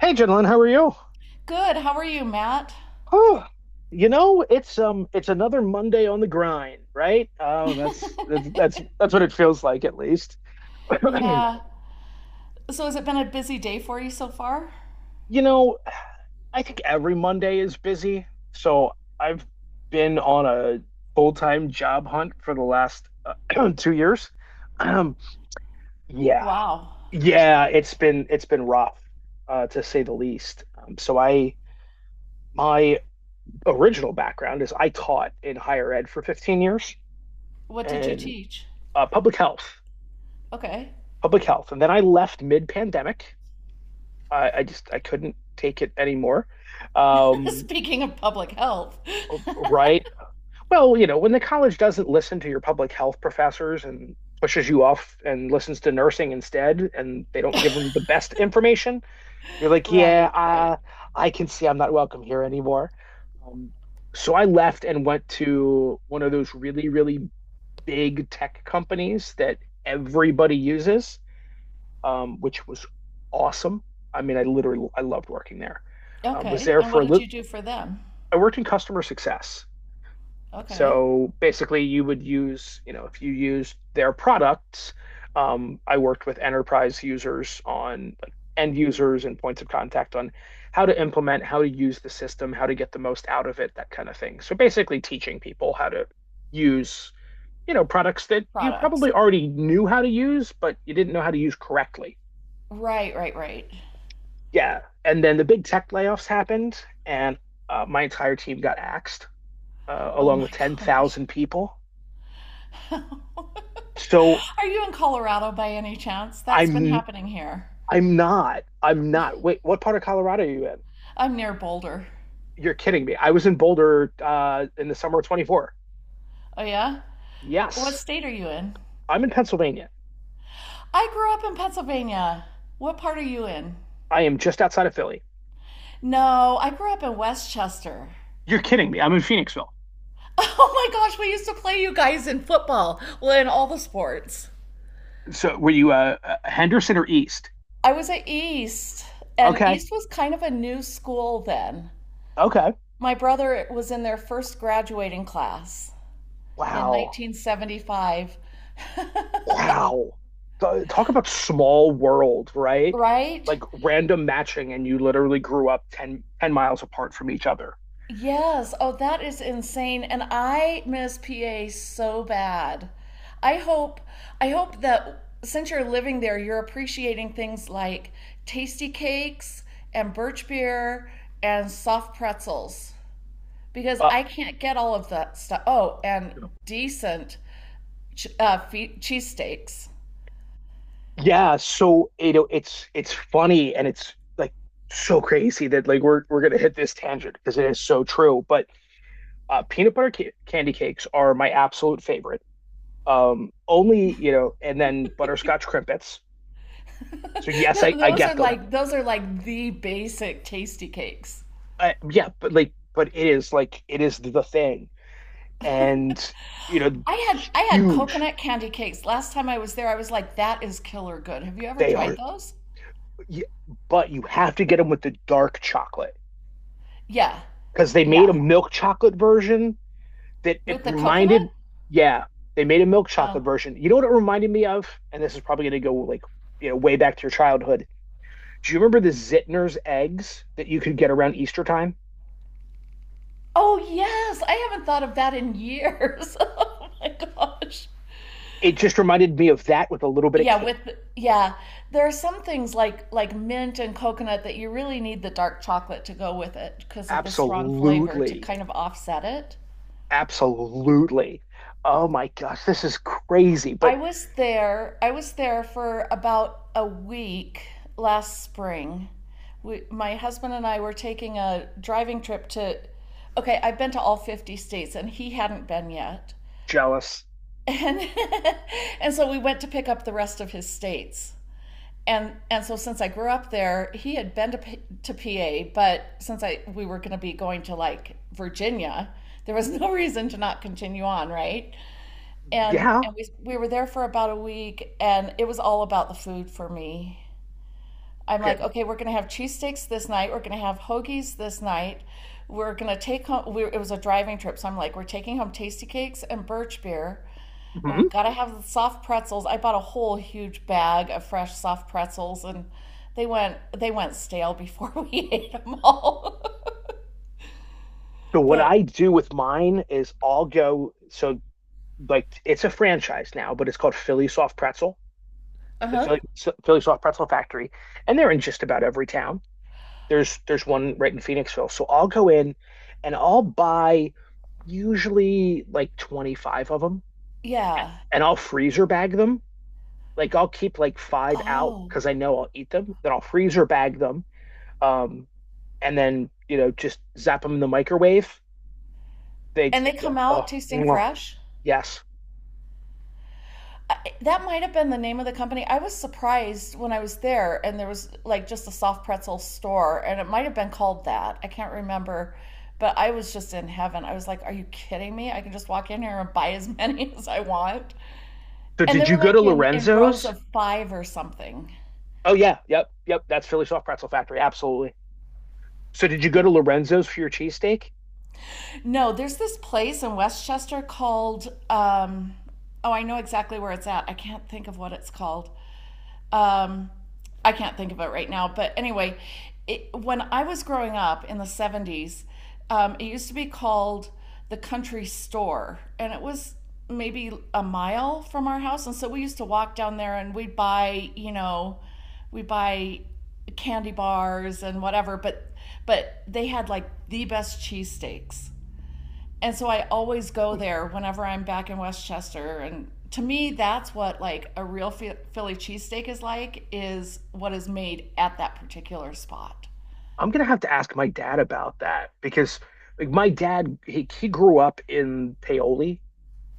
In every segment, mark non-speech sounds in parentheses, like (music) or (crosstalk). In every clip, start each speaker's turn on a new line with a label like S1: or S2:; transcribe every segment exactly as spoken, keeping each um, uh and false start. S1: Hey, gentlemen, how are you?
S2: Good. How are you, Matt?
S1: Oh, you know, it's um, it's another Monday on the grind, right? Oh, that's
S2: (laughs)
S1: that's that's that's what it feels like, at least. (clears throat)
S2: Yeah. So has it been a busy day for you so far?
S1: You know, I think every Monday is busy, so I've been on a full-time job hunt for the last uh, (clears throat) two years. Um, yeah,
S2: Wow.
S1: yeah, it's been it's been rough, uh, to say the least. Um, so I my original background is I taught in higher ed for fifteen years.
S2: What did you
S1: And
S2: teach?
S1: uh, public health,
S2: Okay.
S1: public health. And then I left mid-pandemic. I, I just I couldn't take it anymore.
S2: (laughs)
S1: Um,
S2: Speaking of public health. (laughs)
S1: right. Well, you know, when the college doesn't listen to your public health professors and pushes you off and listens to nursing instead, and they don't give them the best information, you're like, yeah,
S2: Right, right.
S1: uh, I can see I'm not welcome here anymore. Um, so I left and went to one of those really, really big tech companies that everybody uses. um, which was awesome. I mean, I literally I loved working there. Um, was
S2: Okay.
S1: there
S2: And
S1: for
S2: what
S1: a
S2: did
S1: little.
S2: you do for them?
S1: I worked in customer success.
S2: Okay.
S1: So basically, you would use, you know, if you used their products, um, I worked with enterprise users on like end users and points of contact on how to implement, how to use the system, how to get the most out of it, that kind of thing. So basically, teaching people how to use, you know, products that you
S2: Products.
S1: probably already knew how to use, but you didn't know how to use correctly.
S2: Right, right, right.
S1: Yeah, and then the big tech layoffs happened, and uh, my entire team got axed, uh,
S2: Oh
S1: along
S2: my
S1: with
S2: gosh.
S1: ten thousand people.
S2: (laughs)
S1: So
S2: Are you in Colorado by any chance? That's been
S1: I'm
S2: happening here.
S1: I'm not I'm not. Wait, what part of Colorado are you in?
S2: I'm near Boulder.
S1: You're kidding me. I was in Boulder uh, in the summer of twenty-four.
S2: Oh, yeah? What
S1: Yes,
S2: state are you in?
S1: I'm in Pennsylvania.
S2: I grew up in Pennsylvania. What part are you in?
S1: I am just outside of Philly.
S2: No, I grew up in Westchester. (laughs)
S1: You're kidding me. I'm in Phoenixville.
S2: Oh my gosh, we used to play you guys in football, well, in all the sports.
S1: So were you uh, uh, Henderson or East?
S2: I was at East, and
S1: Okay.
S2: East was kind of a new school then.
S1: Okay.
S2: My brother was in their first graduating class in
S1: Wow.
S2: nineteen seventy-five. (laughs)
S1: Wow. Th- Talk about small world, right?
S2: Right?
S1: Like random matching, and you literally grew up ten ten miles apart from each other.
S2: Yes. Oh, that is insane. And I miss P A so bad. I hope I hope that since you're living there, you're appreciating things like tasty cakes and birch beer and soft pretzels because
S1: Uh,
S2: I can't get all of that stuff. Oh, and decent ch- uh, fe- cheesesteaks.
S1: yeah, so it, it's it's funny and it's like so crazy that like we're we're gonna hit this tangent because it is so true. But uh, peanut butter ca candy cakes are my absolute favorite. Um, only you know, and then butterscotch crimpets. So
S2: (laughs)
S1: yes,
S2: Th-
S1: I I
S2: Those are
S1: get them.
S2: like those are like the basic tasty cakes.
S1: I, yeah, but like, but it is like it is the thing. And you know,
S2: I had I had
S1: huge
S2: coconut candy cakes. Last time I was there, I was like, that is killer good. Have you ever
S1: they are.
S2: tried those?
S1: But you have to get them with the dark chocolate
S2: Yeah.
S1: because they made
S2: Yeah.
S1: a milk chocolate version that it
S2: With the
S1: reminded.
S2: coconut?
S1: Yeah, they made a milk chocolate
S2: Oh.
S1: version. You know what it reminded me of? And this is probably going to go like you know way back to your childhood. Do you remember the Zittner's eggs that you could get around Easter time?
S2: Oh yes. I haven't thought of that in years. (laughs) Oh my gosh.
S1: It just reminded me of that with a little bit of
S2: Yeah,
S1: cake.
S2: with yeah. There are some things like like mint and coconut that you really need the dark chocolate to go with it because of the strong flavor to
S1: Absolutely.
S2: kind of offset it.
S1: Absolutely. Oh my gosh, this is crazy,
S2: I
S1: but
S2: was there. I was there for about a week last spring. We, my husband and I were taking a driving trip to. Okay, I've been to all fifty states, and he hadn't been yet.
S1: jealous.
S2: And (laughs) and so we went to pick up the rest of his states. And and so since I grew up there, he had been to to P A, but since I we were going to be going to like Virginia, there was no (laughs) reason to not continue on, right? and
S1: Yeah.
S2: and we we were there for about a week, and it was all about the food for me. I'm
S1: Okay.
S2: like, okay, we're going to have cheesesteaks this night, we're going to have hoagies this night, we're going to take home. We, it was a driving trip, so I'm like, we're taking home tasty cakes and birch beer. We
S1: Hmm.
S2: got to have the soft pretzels. I bought a whole huge bag of fresh soft pretzels, and they went they went stale before we (laughs) ate them all.
S1: But
S2: (laughs)
S1: what
S2: But.
S1: I do with mine is I'll go so like it's a franchise now, but it's called Philly Soft Pretzel, the
S2: Uh-huh.
S1: Philly Philly Soft Pretzel Factory, and they're in just about every town. There's there's one right in Phoenixville. So I'll go in and I'll buy usually like twenty-five of them
S2: Yeah.
S1: and I'll freezer bag them. Like I'll keep like five out
S2: Oh,
S1: because I know I'll eat them. Then I'll freezer bag them. Um, and then, you know, just zap them in the microwave they,
S2: and they come out
S1: oh,
S2: tasting fresh.
S1: yes.
S2: That might have been the name of the company. I was surprised when I was there, and there was like just a soft pretzel store, and it might have been called that. I can't remember, but I was just in heaven. I was like, "Are you kidding me? I can just walk in here and buy as (laughs) many as I want."
S1: So
S2: And they
S1: did
S2: were
S1: you go
S2: like
S1: to
S2: in in rows
S1: Lorenzo's?
S2: of five or something.
S1: Oh, yeah. Yep. Yep. That's Philly Soft Pretzel Factory. Absolutely. So did you go to Lorenzo's for your cheesesteak?
S2: No, there's this place in Westchester called. Um, oh, I know exactly where it's at. I can't think of what it's called. Um, I can't think of it right now, but anyway, it, when I was growing up in the seventies, um, it used to be called the country store, and it was maybe a mile from our house. And so we used to walk down there and we'd buy, you know, we buy candy bars and whatever, but but they had like the best cheesesteaks. And so I always go there whenever I'm back in Westchester. And to me, that's what like a real Philly cheesesteak is like is what is made at that particular spot.
S1: I'm gonna have to ask my dad about that because like my dad he, he grew up in Paoli.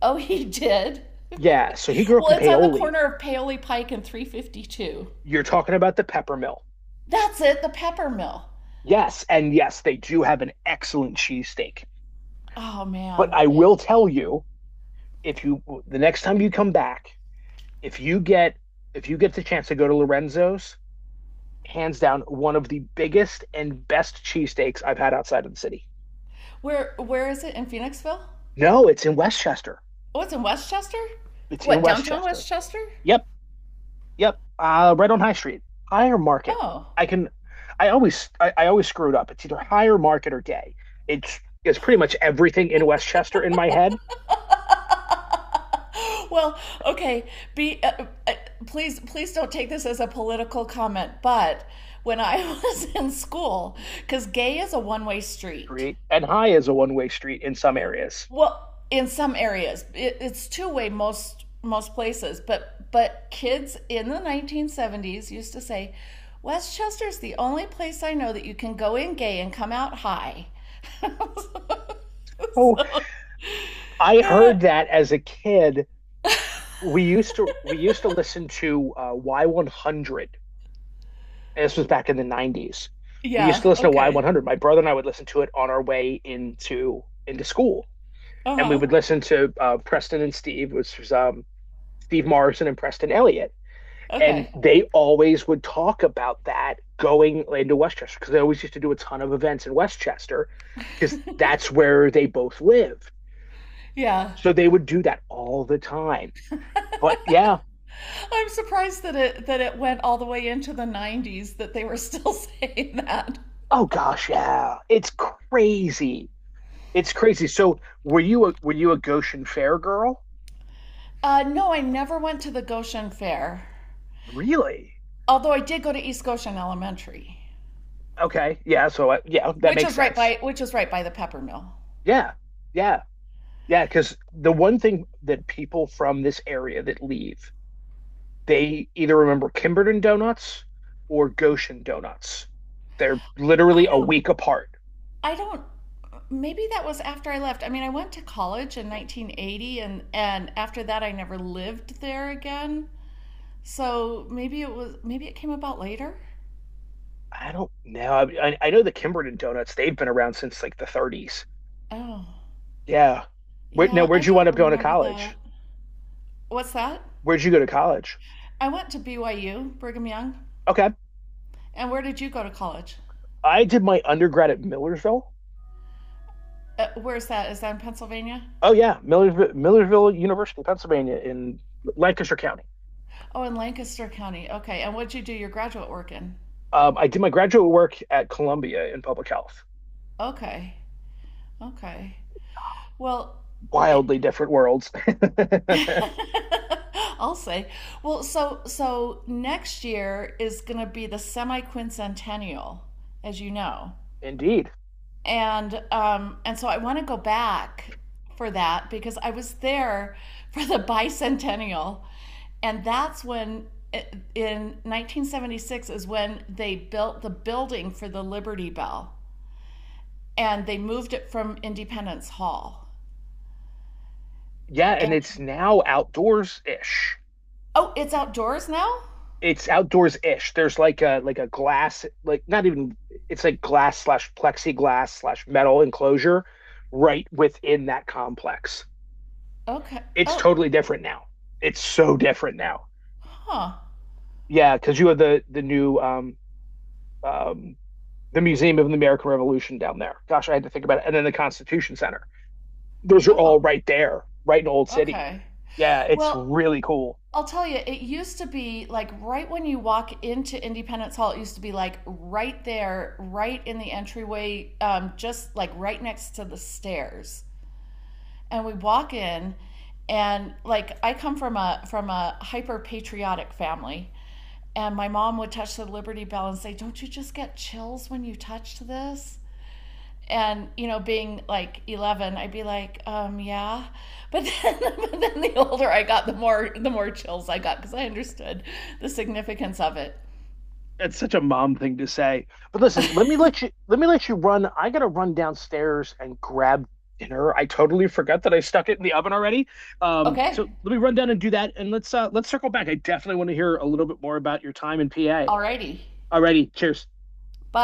S2: Oh, he did. (laughs)
S1: Yeah, so he grew up in
S2: well, it's on the
S1: Paoli.
S2: corner of Paoli Pike and three fifty-two.
S1: You're talking about the Pepper Mill.
S2: That's it, the Pepper Mill.
S1: Yes, and yes, they do have an excellent cheesesteak.
S2: Oh
S1: But
S2: man,
S1: I will tell you, if you the next time you come back, if you get if you get the chance to go to Lorenzo's, hands down one of the biggest and best cheesesteaks I've had outside of the city.
S2: where where is it in Phoenixville?
S1: No, it's in Westchester.
S2: Oh, it's in Westchester.
S1: It's in
S2: What downtown
S1: Westchester.
S2: Westchester?
S1: Yep, yep. Uh, right on High Street, Higher Market.
S2: Oh,
S1: I can. I always, I, I always screw it up. It's either Higher Market or Day. It's it's pretty much everything in Westchester in my head.
S2: (laughs) well, okay. Be uh, uh, please, please don't take this as a political comment. But when I (laughs) was in school, because gay is a one-way street.
S1: Great. And High is a one way street in some areas.
S2: Well, in some areas, it, it's two-way most most places. But but kids in the nineteen seventies used to say, Westchester's the only place I know that you can go in gay and come out high. (laughs)
S1: Oh,
S2: so,
S1: I heard that as a kid. We used to we used to listen to uh, Y one hundred. And this was back in the nineties.
S2: (laughs)
S1: We used to
S2: yeah.
S1: listen to
S2: Okay.
S1: Y one hundred. My brother and I would listen to it on our way into into school. And we
S2: Uh-huh.
S1: would listen to uh, Preston and Steve, which was um, Steve Morrison and Preston Elliott. And
S2: Okay.
S1: they always would talk about that going into Westchester because they always used to do a ton of events in Westchester because that's where they both lived.
S2: Yeah.
S1: So they would do that all the time. But yeah,
S2: I'm surprised that it that it went all the way into the nineties that they were still (laughs) saying that.
S1: oh gosh, yeah, it's crazy. It's crazy. So were you a were you a Goshen Fair girl?
S2: Uh no, I never went to the Goshen Fair.
S1: Really?
S2: Although I did go to East Goshen Elementary,
S1: Okay. Yeah. So I, yeah, that
S2: which
S1: makes
S2: is right
S1: sense.
S2: by which is right by the Pepper Mill.
S1: Yeah. Yeah. Yeah. Because the one thing that people from this area that leave, they either remember Kimberton Donuts or Goshen Donuts. They're
S2: I
S1: literally a
S2: don't
S1: week apart.
S2: I don't maybe that was after I left. I mean, I went to college in nineteen eighty and and after that I never lived there again. So maybe it was maybe it came about later.
S1: I don't know. I, I I know the Kimberton Donuts, they've been around since like the thirties.
S2: Oh.
S1: Yeah. Where, now,
S2: Yeah,
S1: where'd
S2: I
S1: you wind
S2: don't
S1: up going to
S2: remember
S1: college?
S2: that. What's that?
S1: Where'd you go to college?
S2: I went to B Y U, Brigham Young.
S1: Okay.
S2: And where did you go to college?
S1: I did my undergrad at Millersville.
S2: Uh, where's that? Is that in Pennsylvania?
S1: Oh yeah, Millersville, Millersville University, Pennsylvania, in Lancaster County.
S2: Oh, in Lancaster County. Okay. And what'd you do your graduate work in?
S1: Um, I did my graduate work at Columbia in public health.
S2: Okay. Okay. Well, it,
S1: Wildly different worlds. (laughs)
S2: (laughs) I'll say. Well, so so next year is going to be the semi quincentennial, as you know.
S1: Indeed.
S2: and um, and so I want to go back for that because I was there for the bicentennial, and that's when in nineteen seventy-six is when they built the building for the Liberty Bell, and they moved it from Independence Hall.
S1: Yeah, and
S2: And
S1: it's now outdoors ish.
S2: oh, it's outdoors now.
S1: It's outdoors ish. There's like a like a glass, like not even it's like glass slash plexiglass slash metal enclosure right within that complex.
S2: Okay.
S1: It's
S2: Oh,
S1: totally different now. It's so different now.
S2: huh.
S1: Yeah, because you have the the new um um the Museum of the American Revolution down there. Gosh, I had to think about it. And then the Constitution Center. Those are all
S2: Oh,
S1: right there, right in Old City.
S2: okay.
S1: Yeah, it's
S2: Well,
S1: really cool.
S2: I'll tell you, it used to be like right when you walk into Independence Hall, it used to be like right there, right in the entryway, um, just like right next to the stairs. And we walk in, and like I come from a from a hyper patriotic family, and my mom would touch the Liberty Bell and say, "Don't you just get chills when you touch this?" And you know being like eleven, I'd be like, um yeah. But (laughs) then, but then the older I got, the more the more chills I got because I understood the significance of it.
S1: It's such a mom thing to say. But listen, let me let you let me let you run. I gotta run downstairs and grab dinner. I totally forgot that I stuck it in the oven already. Um,
S2: Okay.
S1: so let me run down and do that and let's uh let's circle back. I definitely want to hear a little bit more about your time in P A.
S2: Alrighty.
S1: Alrighty, cheers.
S2: Bye.